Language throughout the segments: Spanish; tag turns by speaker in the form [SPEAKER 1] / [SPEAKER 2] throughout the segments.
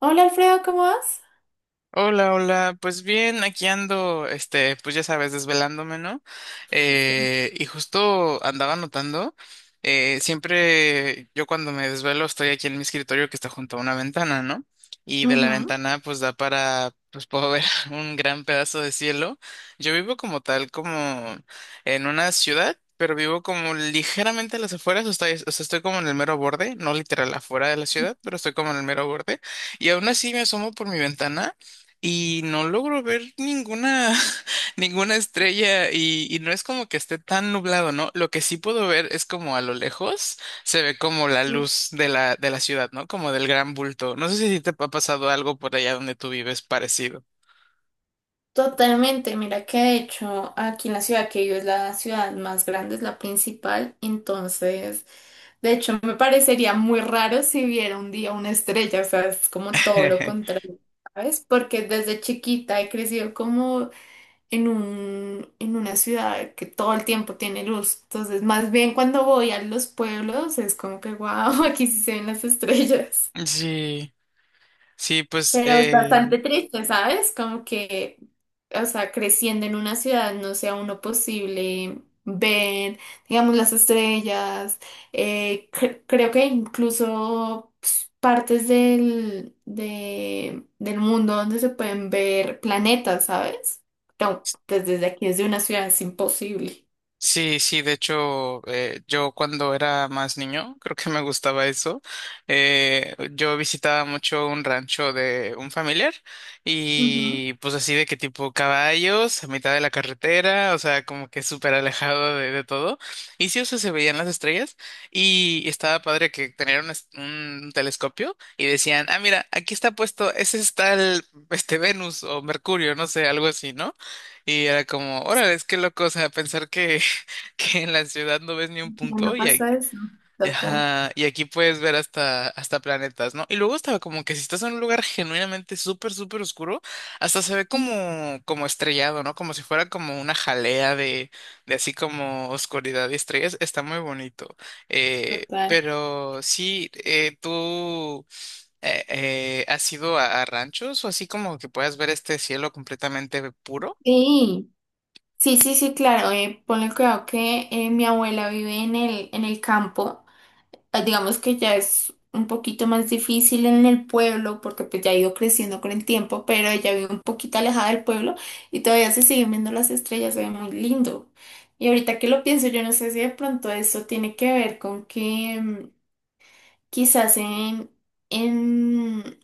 [SPEAKER 1] Hola Alfredo, ¿cómo vas?
[SPEAKER 2] Hola, hola, pues bien, aquí ando, este, pues ya sabes, desvelándome, ¿no?
[SPEAKER 1] Sí.
[SPEAKER 2] Y justo andaba notando, siempre yo cuando me desvelo estoy aquí en mi escritorio que está junto a una ventana, ¿no? Y de la ventana pues da para, pues puedo ver un gran pedazo de cielo. Yo vivo como tal, como en una ciudad, pero vivo como ligeramente a las afueras, o sea, estoy como en el mero borde, no literal afuera de la ciudad, pero estoy como en el mero borde. Y aún así me asomo por mi ventana. Y no logro ver ninguna, ninguna estrella y no es como que esté tan nublado, ¿no? Lo que sí puedo ver es como a lo lejos se ve como la
[SPEAKER 1] Ujú.
[SPEAKER 2] luz de la ciudad, ¿no? Como del gran bulto. No sé si te ha pasado algo por allá donde tú vives parecido.
[SPEAKER 1] Totalmente, mira que de hecho aquí en la ciudad que vivo es la ciudad más grande, es la principal, entonces de hecho me parecería muy raro si viera un día una estrella, o sea, es como todo lo contrario, ¿sabes? Porque desde chiquita he crecido como en una ciudad que todo el tiempo tiene luz, entonces más bien cuando voy a los pueblos es como que wow, aquí sí se ven las estrellas.
[SPEAKER 2] Sí, sí, pues
[SPEAKER 1] Pero es bastante triste, ¿sabes? Como que, o sea, creciendo en una ciudad no sea uno posible ver, digamos, las estrellas. Creo que incluso pues, partes del mundo donde se pueden ver planetas, ¿sabes? No, pues desde aquí, desde una ciudad es imposible.
[SPEAKER 2] sí, sí, de hecho, yo cuando era más niño, creo que me gustaba eso. Yo visitaba mucho un rancho de un familiar
[SPEAKER 1] Ujú.
[SPEAKER 2] y pues así de que tipo caballos a mitad de la carretera, o sea, como que súper alejado de todo. Y sí, o sea, se veían las estrellas y estaba padre que tenían un, un telescopio y decían, ah, mira, aquí está puesto, ese es tal, este Venus o Mercurio, no sé, algo así, ¿no? Y era como, órale, es que loco, o sea, pensar que en la ciudad no ves ni un
[SPEAKER 1] Ya no
[SPEAKER 2] punto
[SPEAKER 1] pasa eso. Total.
[SPEAKER 2] y aquí puedes ver hasta, hasta planetas, ¿no? Y luego estaba como que si estás en un lugar genuinamente súper, súper oscuro, hasta se ve como, como estrellado, ¿no? Como si fuera como una jalea de así como oscuridad y estrellas. Está muy bonito. Eh,
[SPEAKER 1] Total.
[SPEAKER 2] pero sí, tú... ¿has ido a ranchos o así como que puedas ver este cielo completamente puro?
[SPEAKER 1] Sí. Sí, sí, sí, claro. Ponle cuidado que mi abuela vive en en el campo. Digamos que ya es un poquito más difícil en el pueblo porque pues ya ha ido creciendo con el tiempo, pero ella vive un poquito alejada del pueblo y todavía se siguen viendo las estrellas, se ve muy lindo. Y ahorita que lo pienso, yo no sé si de pronto eso tiene que ver con que... quizás en,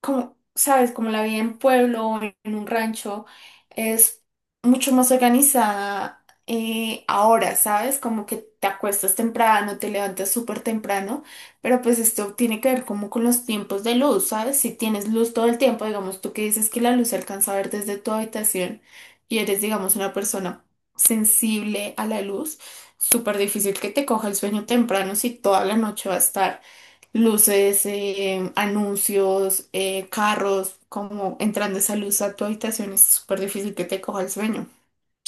[SPEAKER 1] como, sabes, como la vida en pueblo o en un rancho es mucho más organizada ahora, ¿sabes? Como que te acuestas temprano, te levantas súper temprano, pero pues esto tiene que ver como con los tiempos de luz, ¿sabes? Si tienes luz todo el tiempo, digamos, tú que dices que la luz se alcanza a ver desde tu habitación y eres, digamos, una persona sensible a la luz, súper difícil que te coja el sueño temprano si toda la noche va a estar luces, anuncios, carros, como entrando esa luz a tu habitación es súper difícil que te coja el sueño.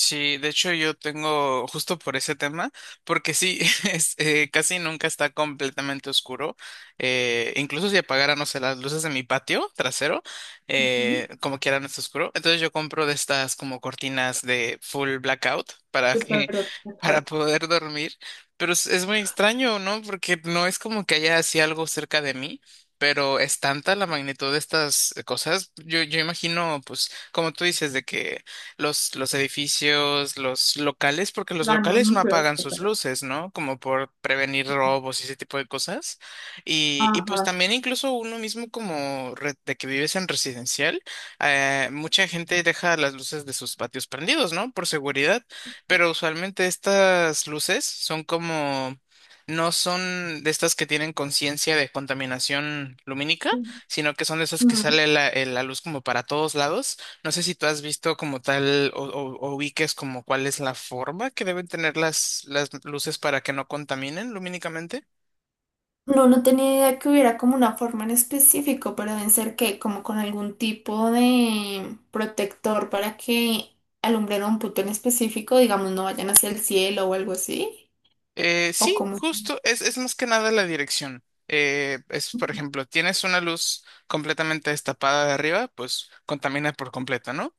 [SPEAKER 2] Sí, de hecho yo tengo justo por ese tema, porque sí, es, casi nunca está completamente oscuro. Incluso si apagara, no sé, las luces de mi patio trasero,
[SPEAKER 1] Ujú.
[SPEAKER 2] como quiera no está oscuro. Entonces yo compro de estas como cortinas de full blackout para
[SPEAKER 1] Súper
[SPEAKER 2] que, para
[SPEAKER 1] complicado.
[SPEAKER 2] poder dormir. Pero es muy extraño, ¿no? Porque no es como que haya así algo cerca de mí. Pero es tanta la magnitud de estas cosas. Yo imagino, pues, como tú dices, de que los edificios, los locales, porque los
[SPEAKER 1] Dando
[SPEAKER 2] locales no
[SPEAKER 1] anuncios,
[SPEAKER 2] apagan sus
[SPEAKER 1] etcétera.
[SPEAKER 2] luces, ¿no? Como por prevenir robos y ese tipo de cosas. Y pues
[SPEAKER 1] Ajá.
[SPEAKER 2] también incluso uno mismo como de que vives en residencial, mucha gente deja las luces de sus patios prendidos, ¿no? Por seguridad, pero usualmente estas luces son como... No son de estas que tienen conciencia de contaminación lumínica, sino que son de esas que
[SPEAKER 1] No.
[SPEAKER 2] sale la, la luz como para todos lados. No sé si tú has visto como tal o ubiques como cuál es la forma que deben tener las luces para que no contaminen lumínicamente.
[SPEAKER 1] No, no tenía idea que hubiera como una forma en específico, pero deben ser que como con algún tipo de protector para que alumbren un punto en específico, digamos, no vayan hacia el cielo o algo así,
[SPEAKER 2] Eh,
[SPEAKER 1] o
[SPEAKER 2] sí,
[SPEAKER 1] como...
[SPEAKER 2] justo, es más que nada la dirección. Es, por ejemplo, tienes una luz completamente destapada de arriba, pues contamina por completo, ¿no?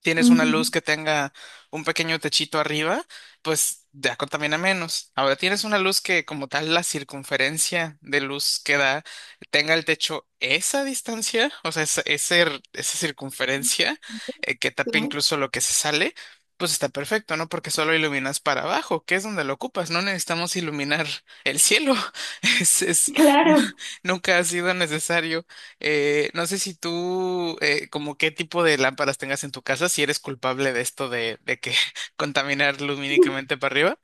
[SPEAKER 2] Tienes una luz
[SPEAKER 1] Ujú.
[SPEAKER 2] que tenga un pequeño techito arriba, pues ya contamina menos. Ahora tienes una luz que como tal la circunferencia de luz que da tenga el techo esa distancia, o sea, esa, ese esa circunferencia, que
[SPEAKER 1] Sí.
[SPEAKER 2] tape incluso lo que se sale, pues está perfecto, ¿no? Porque solo iluminas para abajo, que es donde lo ocupas, no necesitamos iluminar el cielo. Es,
[SPEAKER 1] Claro.
[SPEAKER 2] nunca ha sido necesario. No sé si tú, como qué tipo de lámparas tengas en tu casa, si eres culpable de esto de que contaminar lumínicamente para arriba.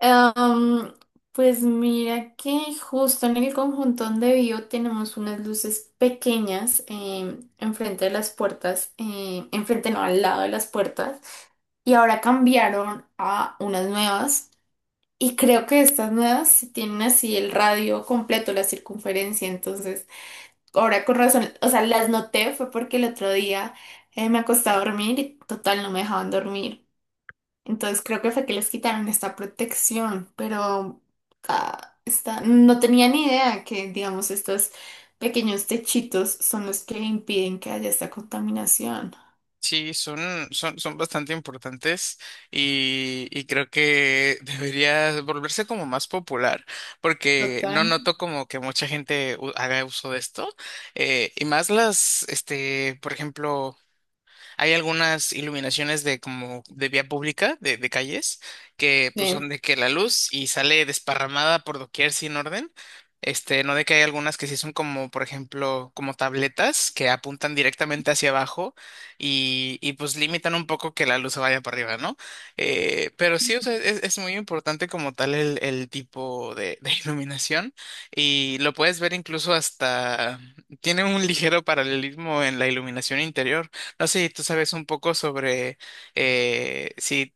[SPEAKER 1] Am, pues mira que justo en el conjunto donde vivo tenemos unas luces pequeñas enfrente de las puertas, enfrente no, al lado de las puertas, y ahora cambiaron a unas nuevas y creo que estas nuevas sí tienen así el radio completo, la circunferencia, entonces ahora con razón, o sea, las noté fue porque el otro día me acosté a dormir y total no me dejaban dormir. Entonces creo que fue que les quitaron esta protección, pero ah, está- no tenía ni idea que, digamos, estos pequeños techitos son los que impiden que haya esta contaminación.
[SPEAKER 2] Sí, son, son bastante importantes y creo que debería volverse como más popular, porque no
[SPEAKER 1] Total.
[SPEAKER 2] noto como que mucha gente haga uso de esto. Y más las, este, por ejemplo, hay algunas iluminaciones de como de vía pública, de calles, que pues
[SPEAKER 1] Sí.
[SPEAKER 2] son de que la luz y sale desparramada por doquier sin orden. Este, no de que hay algunas que sí son como, por ejemplo, como tabletas que apuntan directamente hacia abajo y pues limitan un poco que la luz se vaya para arriba, ¿no? Pero sí, o sea, es muy importante como tal el tipo de iluminación y lo puedes ver incluso hasta, tiene un ligero paralelismo en la iluminación interior. No sé si tú sabes un poco sobre si,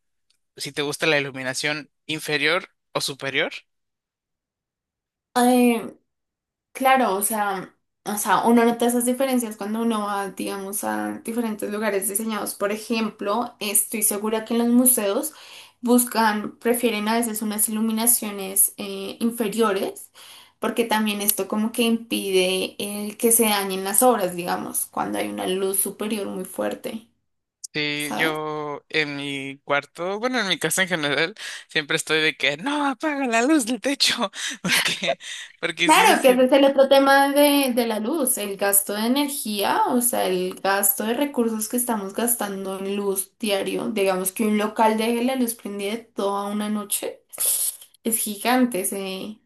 [SPEAKER 2] si te gusta la iluminación inferior o superior.
[SPEAKER 1] Claro, o sea, uno nota esas diferencias cuando uno va, digamos, a diferentes lugares diseñados. Por ejemplo, estoy segura que en los museos buscan, prefieren a veces unas iluminaciones inferiores, porque también esto como que impide el que se dañen las obras, digamos, cuando hay una luz superior muy fuerte,
[SPEAKER 2] Sí,
[SPEAKER 1] ¿sabes?
[SPEAKER 2] yo en mi cuarto, bueno, en mi casa en general, siempre estoy de que no apaga la luz del techo, porque, porque sí, sí,
[SPEAKER 1] Claro, que ese
[SPEAKER 2] sí,
[SPEAKER 1] es el otro tema de la luz, el gasto de energía, o sea, el gasto de recursos que estamos gastando en luz diario. Digamos que un local deje la luz prendida toda una noche. Es gigante ese,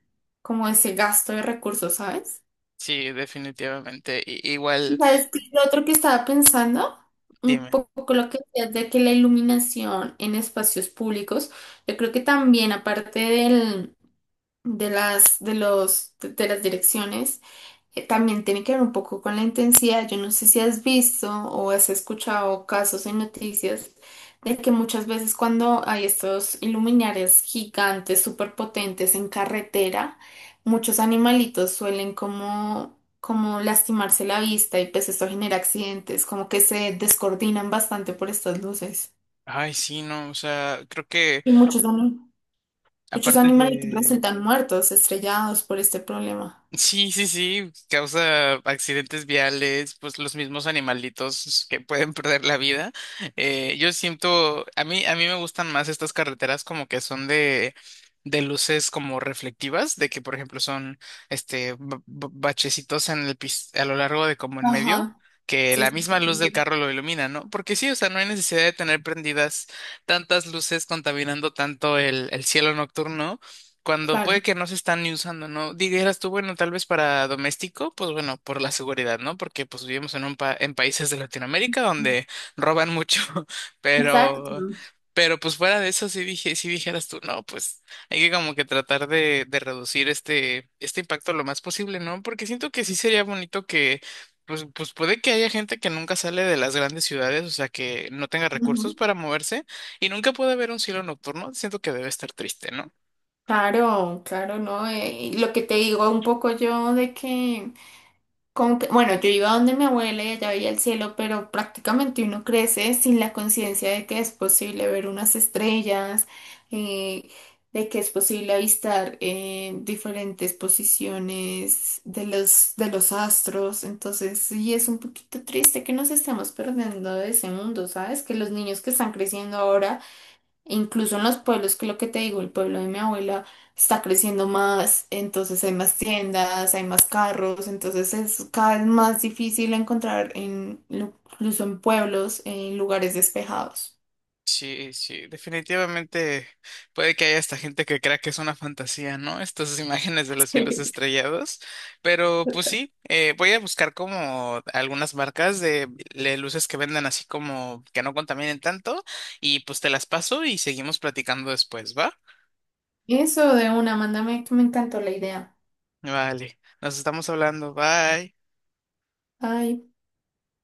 [SPEAKER 1] como ese gasto de recursos, ¿sabes?
[SPEAKER 2] sí, definitivamente. Igual,
[SPEAKER 1] ¿Sabes qué? Es lo otro que estaba pensando, un
[SPEAKER 2] dime.
[SPEAKER 1] poco lo que decías de que la iluminación en espacios públicos, yo creo que también aparte de las direcciones, eh, también tiene que ver un poco con la intensidad. Yo no sé si has visto o has escuchado casos en noticias de que muchas veces cuando hay estos iluminares gigantes, súper potentes en carretera, muchos animalitos suelen como, como lastimarse la vista y pues esto genera accidentes, como que se descoordinan bastante por estas luces.
[SPEAKER 2] Ay, sí, no, o sea, creo que
[SPEAKER 1] Y muchos
[SPEAKER 2] aparte
[SPEAKER 1] animalitos resultan muertos, estrellados por este problema.
[SPEAKER 2] sí, sí, sí, causa accidentes viales, pues los mismos animalitos que pueden perder la vida. Yo siento, a mí me gustan más estas carreteras como que son de luces como reflectivas, de que por ejemplo son este bachecitos en el a lo largo de como en medio,
[SPEAKER 1] Ajá,
[SPEAKER 2] que
[SPEAKER 1] sí,
[SPEAKER 2] la
[SPEAKER 1] sí, sí,
[SPEAKER 2] misma luz
[SPEAKER 1] sí,
[SPEAKER 2] del
[SPEAKER 1] sí.
[SPEAKER 2] carro lo ilumina, ¿no? Porque sí, o sea, no hay necesidad de tener prendidas tantas luces contaminando tanto el cielo nocturno cuando puede
[SPEAKER 1] Claro.
[SPEAKER 2] que no se están ni usando, ¿no? Dijeras tú, bueno, tal vez para doméstico, pues bueno, por la seguridad, ¿no? Porque pues vivimos en un en países de Latinoamérica donde roban mucho,
[SPEAKER 1] Exacto.
[SPEAKER 2] pero pero pues fuera de eso sí dije, sí dijeras tú, no, pues hay que como que tratar de reducir este este impacto lo más posible, ¿no? Porque siento que sí sería bonito que pues, pues puede que haya gente que nunca sale de las grandes ciudades, o sea, que no tenga recursos
[SPEAKER 1] Ujú.
[SPEAKER 2] para moverse y nunca puede haber un cielo nocturno. Siento que debe estar triste, ¿no?
[SPEAKER 1] Claro, claro, ¿no? Y lo que te digo un poco yo de que, como que, bueno, yo iba donde mi abuela y allá veía el cielo, pero prácticamente uno crece sin la conciencia de que es posible ver unas estrellas, eh, de que es posible avistar diferentes posiciones de los astros. Entonces, sí, es un poquito triste que nos estemos perdiendo de ese mundo, ¿sabes? Que los niños que están creciendo ahora e incluso en los pueblos, que es lo que te digo, el pueblo de mi abuela está creciendo más, entonces hay más tiendas, hay más carros, entonces es cada vez más difícil encontrar en, lu- incluso en pueblos, en lugares despejados.
[SPEAKER 2] Sí, sí, definitivamente puede que haya esta gente que crea que es una fantasía, ¿no? Estas imágenes de los cielos
[SPEAKER 1] Sí,
[SPEAKER 2] estrellados, pero pues
[SPEAKER 1] total.
[SPEAKER 2] sí, voy a buscar como algunas marcas de, luces que vendan así como que no contaminen tanto y pues te las paso y seguimos platicando después, ¿va?
[SPEAKER 1] Eso de una, mándame que me encantó la idea.
[SPEAKER 2] Vale, nos estamos hablando, bye.
[SPEAKER 1] Ay.